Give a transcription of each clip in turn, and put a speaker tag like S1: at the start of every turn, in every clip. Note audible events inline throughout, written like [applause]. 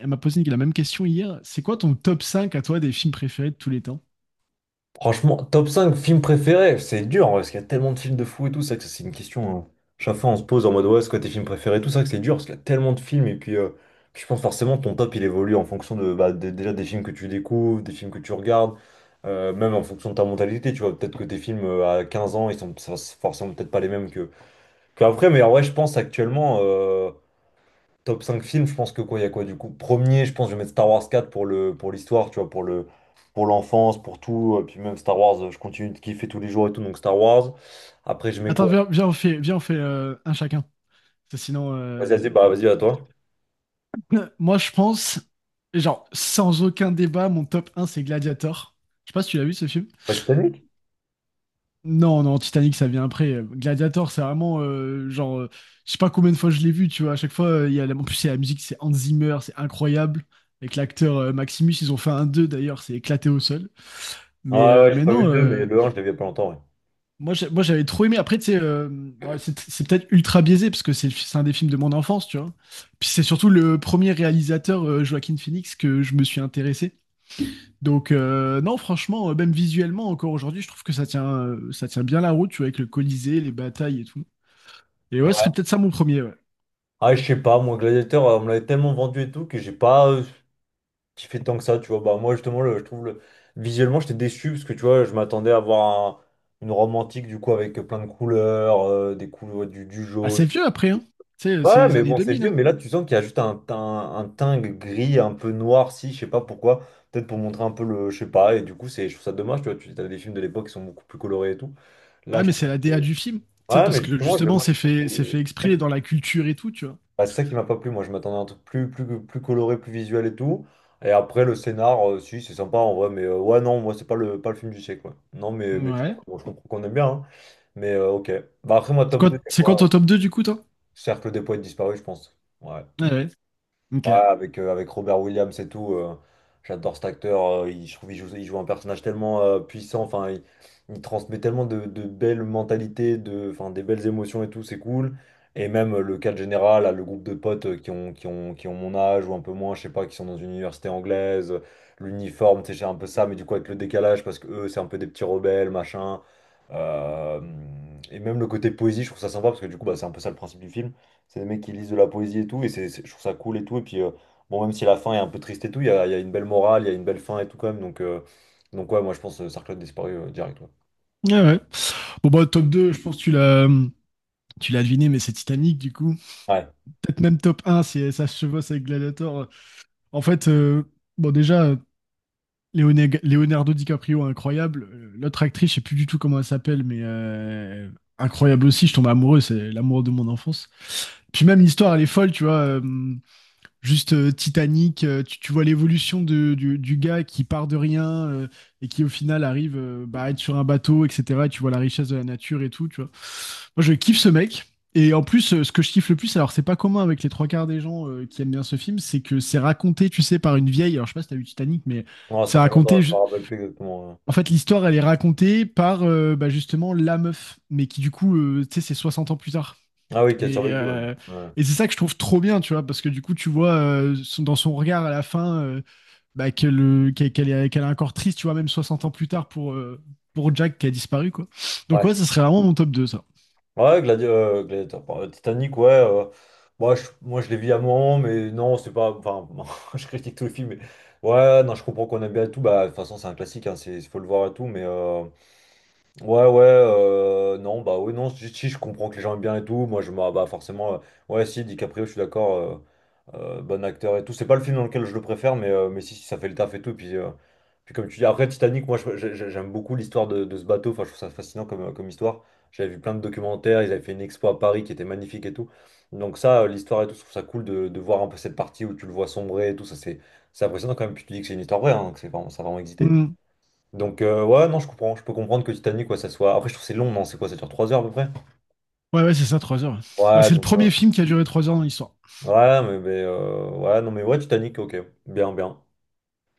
S1: Elle m'a posé la même question hier. C'est quoi ton top 5 à toi des films préférés de tous les temps?
S2: Franchement, top 5 films préférés, c'est dur en vrai, parce qu'il y a tellement de films de fou et tout, ça que ça c'est une question, hein. Chaque fois on se pose en mode ouais, c'est quoi tes films préférés, tout ça que c'est dur, parce qu'il y a tellement de films, et puis je pense forcément ton top il évolue en fonction de déjà des films que tu découvres, des films que tu regardes, même en fonction de ta mentalité, tu vois, peut-être que tes films à 15 ans, c'est forcément peut-être pas les mêmes que après, mais en vrai je pense actuellement. Top 5 films, je pense que quoi, il y a quoi du coup? Premier, je pense que je vais mettre Star Wars quatre pour le, pour l'histoire, tu vois, pour le, pour l'enfance, pour tout. Puis même Star Wars, je continue de kiffer tous les jours et tout, donc Star Wars. Après, je mets
S1: Attends,
S2: quoi?
S1: viens, on fait, viens, on fait un chacun. Parce que sinon,
S2: Vas-y, vas-y, bah vas-y, à toi.
S1: [laughs] moi je pense, genre, sans aucun débat, mon top 1 c'est Gladiator. Je sais pas si tu l'as vu ce film.
S2: Pas Titanic?
S1: Non, non, Titanic ça vient après. Gladiator, c'est vraiment genre, je sais pas combien de fois je l'ai vu, tu vois. À chaque fois, il y a en plus, c'est la musique, c'est Hans Zimmer, c'est incroyable. Avec l'acteur Maximus, ils ont fait un 2 d'ailleurs, c'est éclaté au sol.
S2: Ah ouais, ouais, j'ai
S1: Mais
S2: pas vu
S1: non,
S2: le 2, mais le un, je l'ai vu il y a pas longtemps, ouais.
S1: Moi, j'ai- moi, j'avais trop aimé. Après, tu sais, bon, c'est peut-être ultra biaisé parce que c'est un des films de mon enfance, tu vois. Puis c'est surtout le premier réalisateur, Joaquin Phoenix, que je me suis intéressé. Donc, non, franchement, même visuellement, encore aujourd'hui, je trouve que ça tient bien la route, tu vois, avec le Colisée, les batailles et tout. Et ouais, ce
S2: Ouais.
S1: serait peut-être ça mon premier, ouais.
S2: Ah, je sais pas, moi, Gladiator, on me l'avait tellement vendu et tout que j'ai pas kiffé tant que ça, tu vois. Bah, moi, justement, le, je trouve le visuellement, j'étais déçu parce que, tu vois, je m'attendais à voir une romantique, du coup. Avec plein de couleurs, des couleurs, du jaune.
S1: Assez vieux après, hein. Tu sais,
S2: Ouais,
S1: c'est
S2: ouais,
S1: les
S2: mais
S1: années
S2: bon, c'est
S1: 2000,
S2: vieux,
S1: hein.
S2: mais là, tu sens qu'il y a juste un teint gris, un peu noir, si je sais pas pourquoi, peut-être pour montrer un peu le, je sais pas, et du coup, c'est, je trouve ça dommage, tu vois, tu as des films de l'époque qui sont beaucoup plus colorés et tout. Là,
S1: Ah,
S2: je
S1: mais c'est la DA du film. Tu sais,
S2: Ouais, mais
S1: parce que
S2: justement,
S1: justement,
S2: moi,
S1: c'est fait, c'est fait
S2: c'est ça
S1: exprès
S2: qui,
S1: dans la culture et tout, tu vois.
S2: bah, c'est ça qui m'a pas plu, moi, je m'attendais à un truc plus, plus, plus coloré, plus visuel et tout, et après, le scénar, si, c'est sympa en vrai, mais ouais, non, moi, c'est pas le, pas le film du siècle, quoi. Non, mais je
S1: Ouais.
S2: bon, je comprends qu'on aime bien, hein. Mais ok. Bah, après, moi, top 2, c'est
S1: C'est quoi ton
S2: quoi?
S1: top 2 du coup, toi?
S2: Cercle des poètes disparus, je pense. Ouais.
S1: Ouais, ouais. Ok.
S2: Ouais, avec avec Robert Williams et tout, j'adore cet acteur. Il, je trouve qu'il joue, il joue un personnage tellement puissant. Enfin, il transmet tellement de belles mentalités, de, enfin, des belles émotions et tout, c'est cool. Et même le cadre général, là, le groupe de potes qui ont, qui ont, qui ont mon âge ou un peu moins, je sais pas, qui sont dans une université anglaise, l'uniforme, c'est un peu ça, mais du coup avec le décalage, parce que eux, c'est un peu des petits rebelles, machin. Euh, et même le côté poésie, je trouve ça sympa, parce que du coup, bah, c'est un peu ça le principe du film. C'est des mecs qui lisent de la poésie et tout, et c'est, je trouve ça cool et tout. Et puis, bon, même si la fin est un peu triste et tout, il y a une belle morale, il y a une belle fin et tout quand même. Donc, ouais, moi je pense Sarclot disparu direct. Ouais.
S1: Ah ouais. Bon, bah, top 2 je pense que tu l'as. Tu l'as deviné, mais c'est Titanic, du coup.
S2: Ouais.
S1: Peut-être même top un si ça se chevauche avec Gladiator. En fait, bon, déjà, Leonardo DiCaprio, incroyable. L'autre actrice, je sais plus du tout comment elle s'appelle, mais incroyable aussi. Je tombe amoureux, c'est l'amour de mon enfance. Puis même l'histoire, elle est folle, tu vois. Juste titanique. Tu vois l'évolution du gars qui part de rien et qui au final arrive bah, à être sur un bateau, etc. Et tu vois la richesse de la nature et tout, tu vois. Moi, je kiffe ce mec. Et en plus, ce que je kiffe le plus, alors c'est pas commun avec les trois quarts des gens qui aiment bien ce film, c'est que c'est raconté, tu sais, par une vieille. Alors je sais pas si t'as vu Titanic, mais
S2: Non,
S1: c'est
S2: ça fait longtemps,
S1: raconté.
S2: je
S1: je-
S2: me rappelle plus exactement.
S1: en fait, l'histoire, elle est racontée par bah, justement la meuf, mais qui du coup, tu sais, c'est 60 ans plus tard.
S2: Ah oui, qui a
S1: Et,
S2: survécu, ouais.
S1: euh,
S2: Ouais,
S1: et c'est ça que je trouve trop bien, tu vois, parce que du coup, tu vois dans son regard à la fin bah, qu'elle est encore triste, tu vois, même 60 ans plus tard pour Jack qui a disparu, quoi. Donc
S2: ouais.
S1: ouais, ça serait vraiment mon top deux, ça.
S2: Ouais, Gladiateur. Bon, Titanic, ouais. Moi, je, moi, je l'ai vu à un moment, mais non, c'est pas. Enfin, [laughs] je critique tout le film, mais ouais, non, je comprends qu'on aime bien et tout. Bah, de toute façon, c'est un classique, hein, c'est, faut le voir et tout, mais. Ouais, ouais, non, bah oui, non, si, si, je comprends que les gens aiment bien et tout, moi je me, bah forcément, ouais, si, DiCaprio, je suis d'accord, bon acteur et tout, c'est pas le film dans lequel je le préfère, mais si, si, ça fait le taf et tout, puis comme tu dis, après Titanic, moi je- j'ai- j'aime beaucoup l'histoire de ce bateau, enfin je trouve ça fascinant comme, comme histoire, j'avais vu plein de documentaires, ils avaient fait une expo à Paris qui était magnifique et tout, donc ça, l'histoire et tout, je trouve ça cool de voir un peu cette partie où tu le vois sombrer et tout, ça c'est impressionnant quand même, puis tu dis que c'est une histoire vraie, hein, que c'est vraiment, ça a vraiment existé.
S1: Mm.
S2: Donc, ouais, non, je comprends. Je peux comprendre que Titanic, quoi, ça soit. Après, je trouve que c'est long, non? C'est quoi? Ça dure 3 heures à peu près?
S1: Ouais, ouais, c'est ça, 3 heures. Bah,
S2: Ouais,
S1: c'est le
S2: donc.
S1: premier film qui a duré 3 heures dans l'histoire.
S2: Ouais, mais. Ouais, non, mais ouais, Titanic, ok. Bien, bien.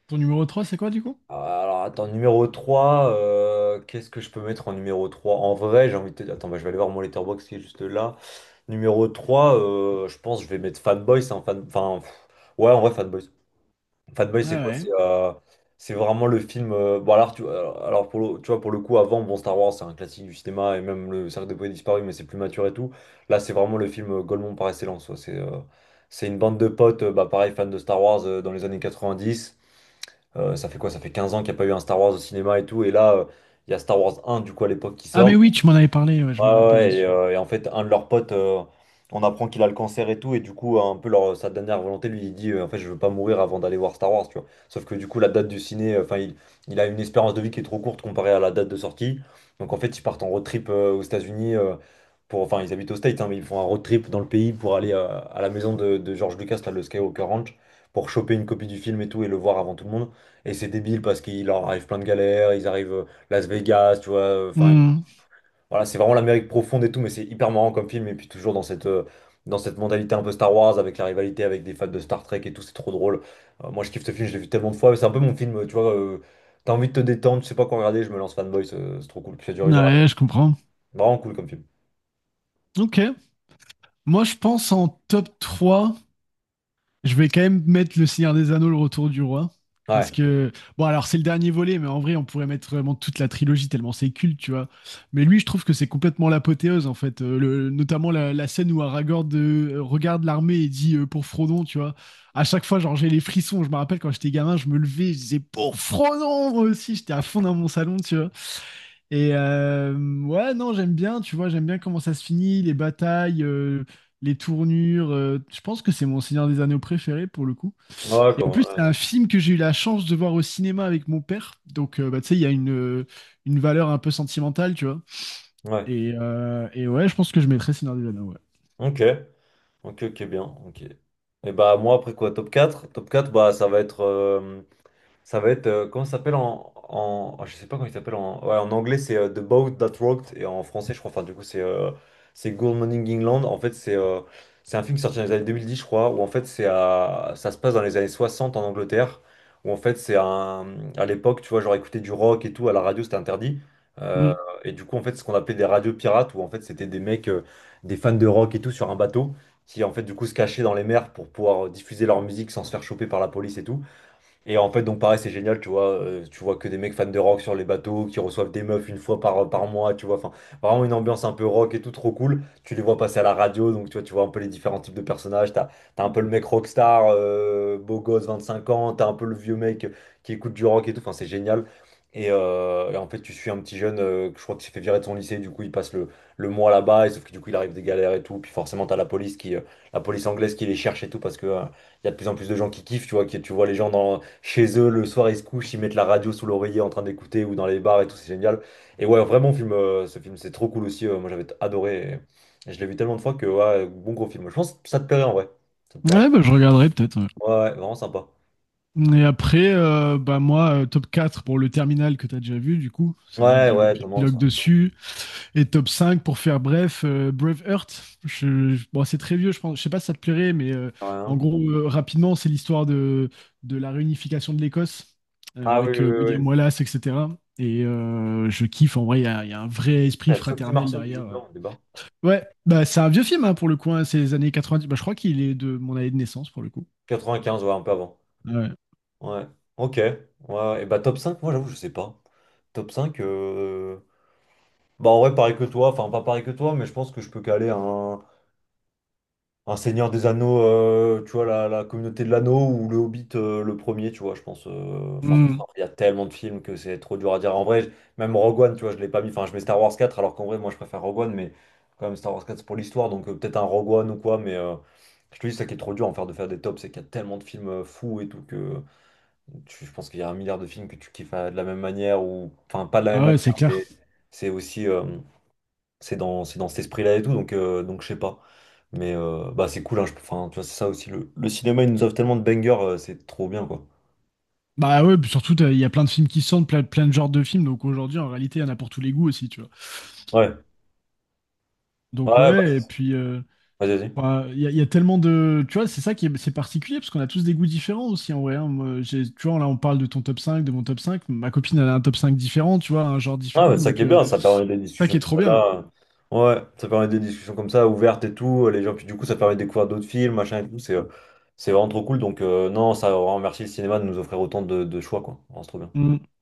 S1: Ton numéro 3, c'est quoi, du coup?
S2: Alors, attends, numéro 3 qu'est-ce que je peux mettre en numéro trois? En vrai, j'ai envie de te dire. Attends, bah, je vais aller voir mon letterbox qui est juste là. Numéro 3 je pense que je vais mettre Fanboys, hein, ouais, en vrai, Fanboys. Fatboy, c'est
S1: Ah
S2: quoi?
S1: ouais.
S2: C'est vraiment le film. Bon, alors, pour le, tu vois, pour le coup, avant, bon, Star Wars, c'est un classique du cinéma, et même le Cercle des Poètes Disparus, mais c'est plus mature et tout. Là, c'est vraiment le film Golemont par excellence, quoi. C'est une bande de potes, bah, pareil, fans de Star Wars dans les années 90. Ça fait quoi? Ça fait 15 ans qu'il n'y a pas eu un Star Wars au cinéma et tout. Et là, il y a Star Wars 1, du coup, à l'époque, qui
S1: Ah mais
S2: sort.
S1: oui, tu m'en avais parlé, ouais, je
S2: Ouais,
S1: me
S2: ouais,
S1: rappelle de
S2: ouais,
S1: ce
S2: et,
S1: film.
S2: euh, et en fait, un de leurs potes, on apprend qu'il a le cancer et tout, et du coup, un peu leur, sa dernière volonté, lui, il dit, en fait, je veux pas mourir avant d'aller voir Star Wars, tu vois. Sauf que du coup, la date du ciné, enfin, il a une espérance de vie qui est trop courte comparée à la date de sortie. Donc, en fait, ils partent en road trip aux États-Unis, pour, enfin, ils habitent aux States, hein, mais ils font un road trip dans le pays pour aller à la maison de George Lucas, là, le Skywalker Ranch, pour choper une copie du film et tout, et le voir avant tout le monde. Et c'est débile parce qu'il leur arrive plein de galères, ils arrivent Las Vegas, tu vois, enfin,
S1: Mm.
S2: voilà, c'est vraiment l'Amérique profonde et tout, mais c'est hyper marrant comme film. Et puis toujours dans cette, dans cette mentalité un peu Star Wars, avec la rivalité avec des fans de Star Trek et tout, c'est trop drôle. Moi, je kiffe ce film, je l'ai vu tellement de fois. C'est un peu mon film, tu vois. T'as envie de te détendre, tu sais pas quoi regarder, je me lance Fanboy, c'est trop cool. Puis ça dure une heure.
S1: Ouais, je comprends.
S2: Vraiment cool comme film.
S1: Ok. Moi, je pense en top 3. Je vais quand même mettre Le Seigneur des Anneaux, Le Retour du Roi. Parce
S2: Ouais.
S1: que, bon, alors c'est le dernier volet, mais en vrai, on pourrait mettre vraiment toute la trilogie tellement c'est culte, tu vois. Mais lui, je trouve que c'est complètement l'apothéose, en fait. Notamment la, la scène où Aragorn regarde l'armée et dit pour Frodon, tu vois. À chaque fois, genre, j'ai les frissons. Je me rappelle quand j'étais gamin, je me levais, je disais pour Frodon, moi aussi. J'étais à fond dans mon salon, tu vois. Et euh, ouais, non, j'aime bien, tu vois, j'aime bien comment ça se finit, les batailles, les tournures. Je pense que c'est mon Seigneur des Anneaux préféré pour le coup.
S2: Ouais,
S1: Et en plus, c'est un
S2: ouais.
S1: film que j'ai eu la chance de voir au cinéma avec mon père. Donc, bah, tu sais, il y a une valeur un peu sentimentale, tu vois.
S2: Ouais.
S1: Et ouais, je pense que je mettrais Seigneur des Anneaux, ouais.
S2: Ok. Ok, ok, bien. Ok. Et bah, moi, après quoi, top quatre. Top 4 bah, ça va être. Ça va être, comment ça s'appelle en, en, ah, je sais pas comment il s'appelle en, ouais, en anglais c'est The Boat That Rocked et en français je crois, enfin du coup c'est Good Morning England. En fait c'est un film qui est sorti dans les années 2010 je crois, où en fait c'est à, ça se passe dans les années 60 en Angleterre, où en fait c'est un, à l'époque tu vois genre écouter du rock et tout à la radio c'était interdit. Euh,
S1: Mm.
S2: et du coup en fait ce qu'on appelait des radios pirates, où en fait c'était des mecs, des fans de rock et tout sur un bateau, qui en fait du coup se cachaient dans les mers pour pouvoir diffuser leur musique sans se faire choper par la police et tout. Et en fait, donc pareil, c'est génial, tu vois que des mecs fans de rock sur les bateaux, qui reçoivent des meufs une fois par, par mois, tu vois, enfin, vraiment une ambiance un peu rock et tout, trop cool. Tu les vois passer à la radio, donc tu vois un peu les différents types de personnages, t'as, t'as un peu le mec rockstar, beau gosse, 25 ans, t'as un peu le vieux mec qui écoute du rock et tout, enfin, c'est génial. Et en fait, tu suis un petit jeune, que je crois qu'il s'est fait virer de son lycée, du coup, il passe le mois là-bas, et sauf que du coup, il arrive des galères et tout, puis forcément, t'as la police qui, la police anglaise qui les cherche et tout, parce que, il y a de plus en plus de gens qui kiffent, tu vois, qui, tu vois les gens dans chez eux le soir, ils se couchent, ils mettent la radio sous l'oreiller en train d'écouter ou dans les bars et tout, c'est génial. Et ouais, vraiment, ce film, c'est trop cool aussi. Moi, j'avais adoré. Et je l'ai vu tellement de fois que, ouais, bon gros film. Je pense que ça te plairait en vrai. Ça te plairait.
S1: Ouais, bah, je regarderai peut-être.
S2: Ouais, ouais, vraiment sympa.
S1: Ouais. Et après, bah, moi, top 4 pour le terminal que tu as déjà vu, du coup. C'est vrai
S2: Ouais,
S1: que
S2: ouais, Tom Hanks,
S1: j'épilogue
S2: ouais.
S1: dessus. Et top 5 pour faire bref, Braveheart. Bon, c'est très vieux, je pense. Je sais pas si ça te plairait, mais en
S2: Rien.
S1: gros, rapidement, c'est l'histoire de la réunification de l'Écosse
S2: Ah oui,
S1: avec
S2: oui,
S1: William
S2: oui.
S1: Wallace, etc. Et je kiffe. En vrai, il y a un vrai
S2: Il
S1: esprit
S2: y a Sophie
S1: fraternel
S2: Marceau qui joue
S1: derrière.
S2: dedans au débat.
S1: Ouais, bah, c'est un vieux film hein, pour le coup. Hein, c'est les années 90. Bah, je crois qu'il est de mon année de naissance pour le coup.
S2: 95, ouais, un peu avant.
S1: Ah ouais.
S2: Ouais. Ok. Ouais. Ouais. Et bah top 5 moi j'avoue, je sais pas. Top 5 bah en vrai, pareil que toi, enfin pas pareil que toi, mais je pense que je peux caler un. Un Seigneur des Anneaux, tu vois, la communauté de l'anneau ou le Hobbit, le premier, tu vois, je pense. Enfin, de toute
S1: Mm.
S2: façon, il y a tellement de films que c'est trop dur à dire. En vrai, même Rogue One, tu vois, je l'ai pas mis. Enfin, je mets Star Wars quatre alors qu'en vrai, moi, je préfère Rogue One, mais quand même, Star Wars quatre c'est pour l'histoire, donc peut-être un Rogue One ou quoi, mais je te dis, c'est ça qui est trop dur en faire de faire des tops, c'est qu'il y a tellement de films fous et tout que je pense qu'il y a un milliard de films que tu kiffes de la même manière, ou enfin, pas de la même
S1: Ah ouais, c'est
S2: manière,
S1: clair.
S2: mais c'est aussi. C'est dans, c'est dans cet esprit-là et tout, donc je sais pas. Mais bah, c'est cool, hein, enfin, tu vois, c'est ça aussi. Le cinéma, il nous offre tellement de bangers, c'est trop bien, quoi.
S1: Bah ouais, puis surtout, il y a plein de films qui sortent, plein, plein de genres de films. Donc aujourd'hui, en réalité, il y en a pour tous les goûts aussi, tu vois.
S2: Ouais, ouais,
S1: Donc
S2: bah,
S1: ouais, et puis. euh,
S2: vas-y, vas-y.
S1: Enfin, Il y, a il y a tellement de. Tu vois, c'est ça qui est, c'est particulier, parce qu'on a tous des goûts différents aussi en vrai. Hein. Moi, j'ai, tu vois, là, on parle de ton top 5 de mon top cinq. Ma copine, elle a un top 5 différent, tu vois, un genre
S2: Ah, bah,
S1: différent.
S2: ça qui
S1: Donc,
S2: est bien, ça permet des
S1: ça qui
S2: discussions
S1: est
S2: comme
S1: trop
S2: ça,
S1: bien.
S2: là. Ouais, ça permet des discussions comme ça, ouvertes et tout. Les gens, puis du coup, ça permet de découvrir d'autres films, machin et tout. C'est vraiment trop cool. Donc, non, ça, on remercie le cinéma de nous offrir autant de choix, quoi. Vraiment, c'est trop bien.
S1: Mm.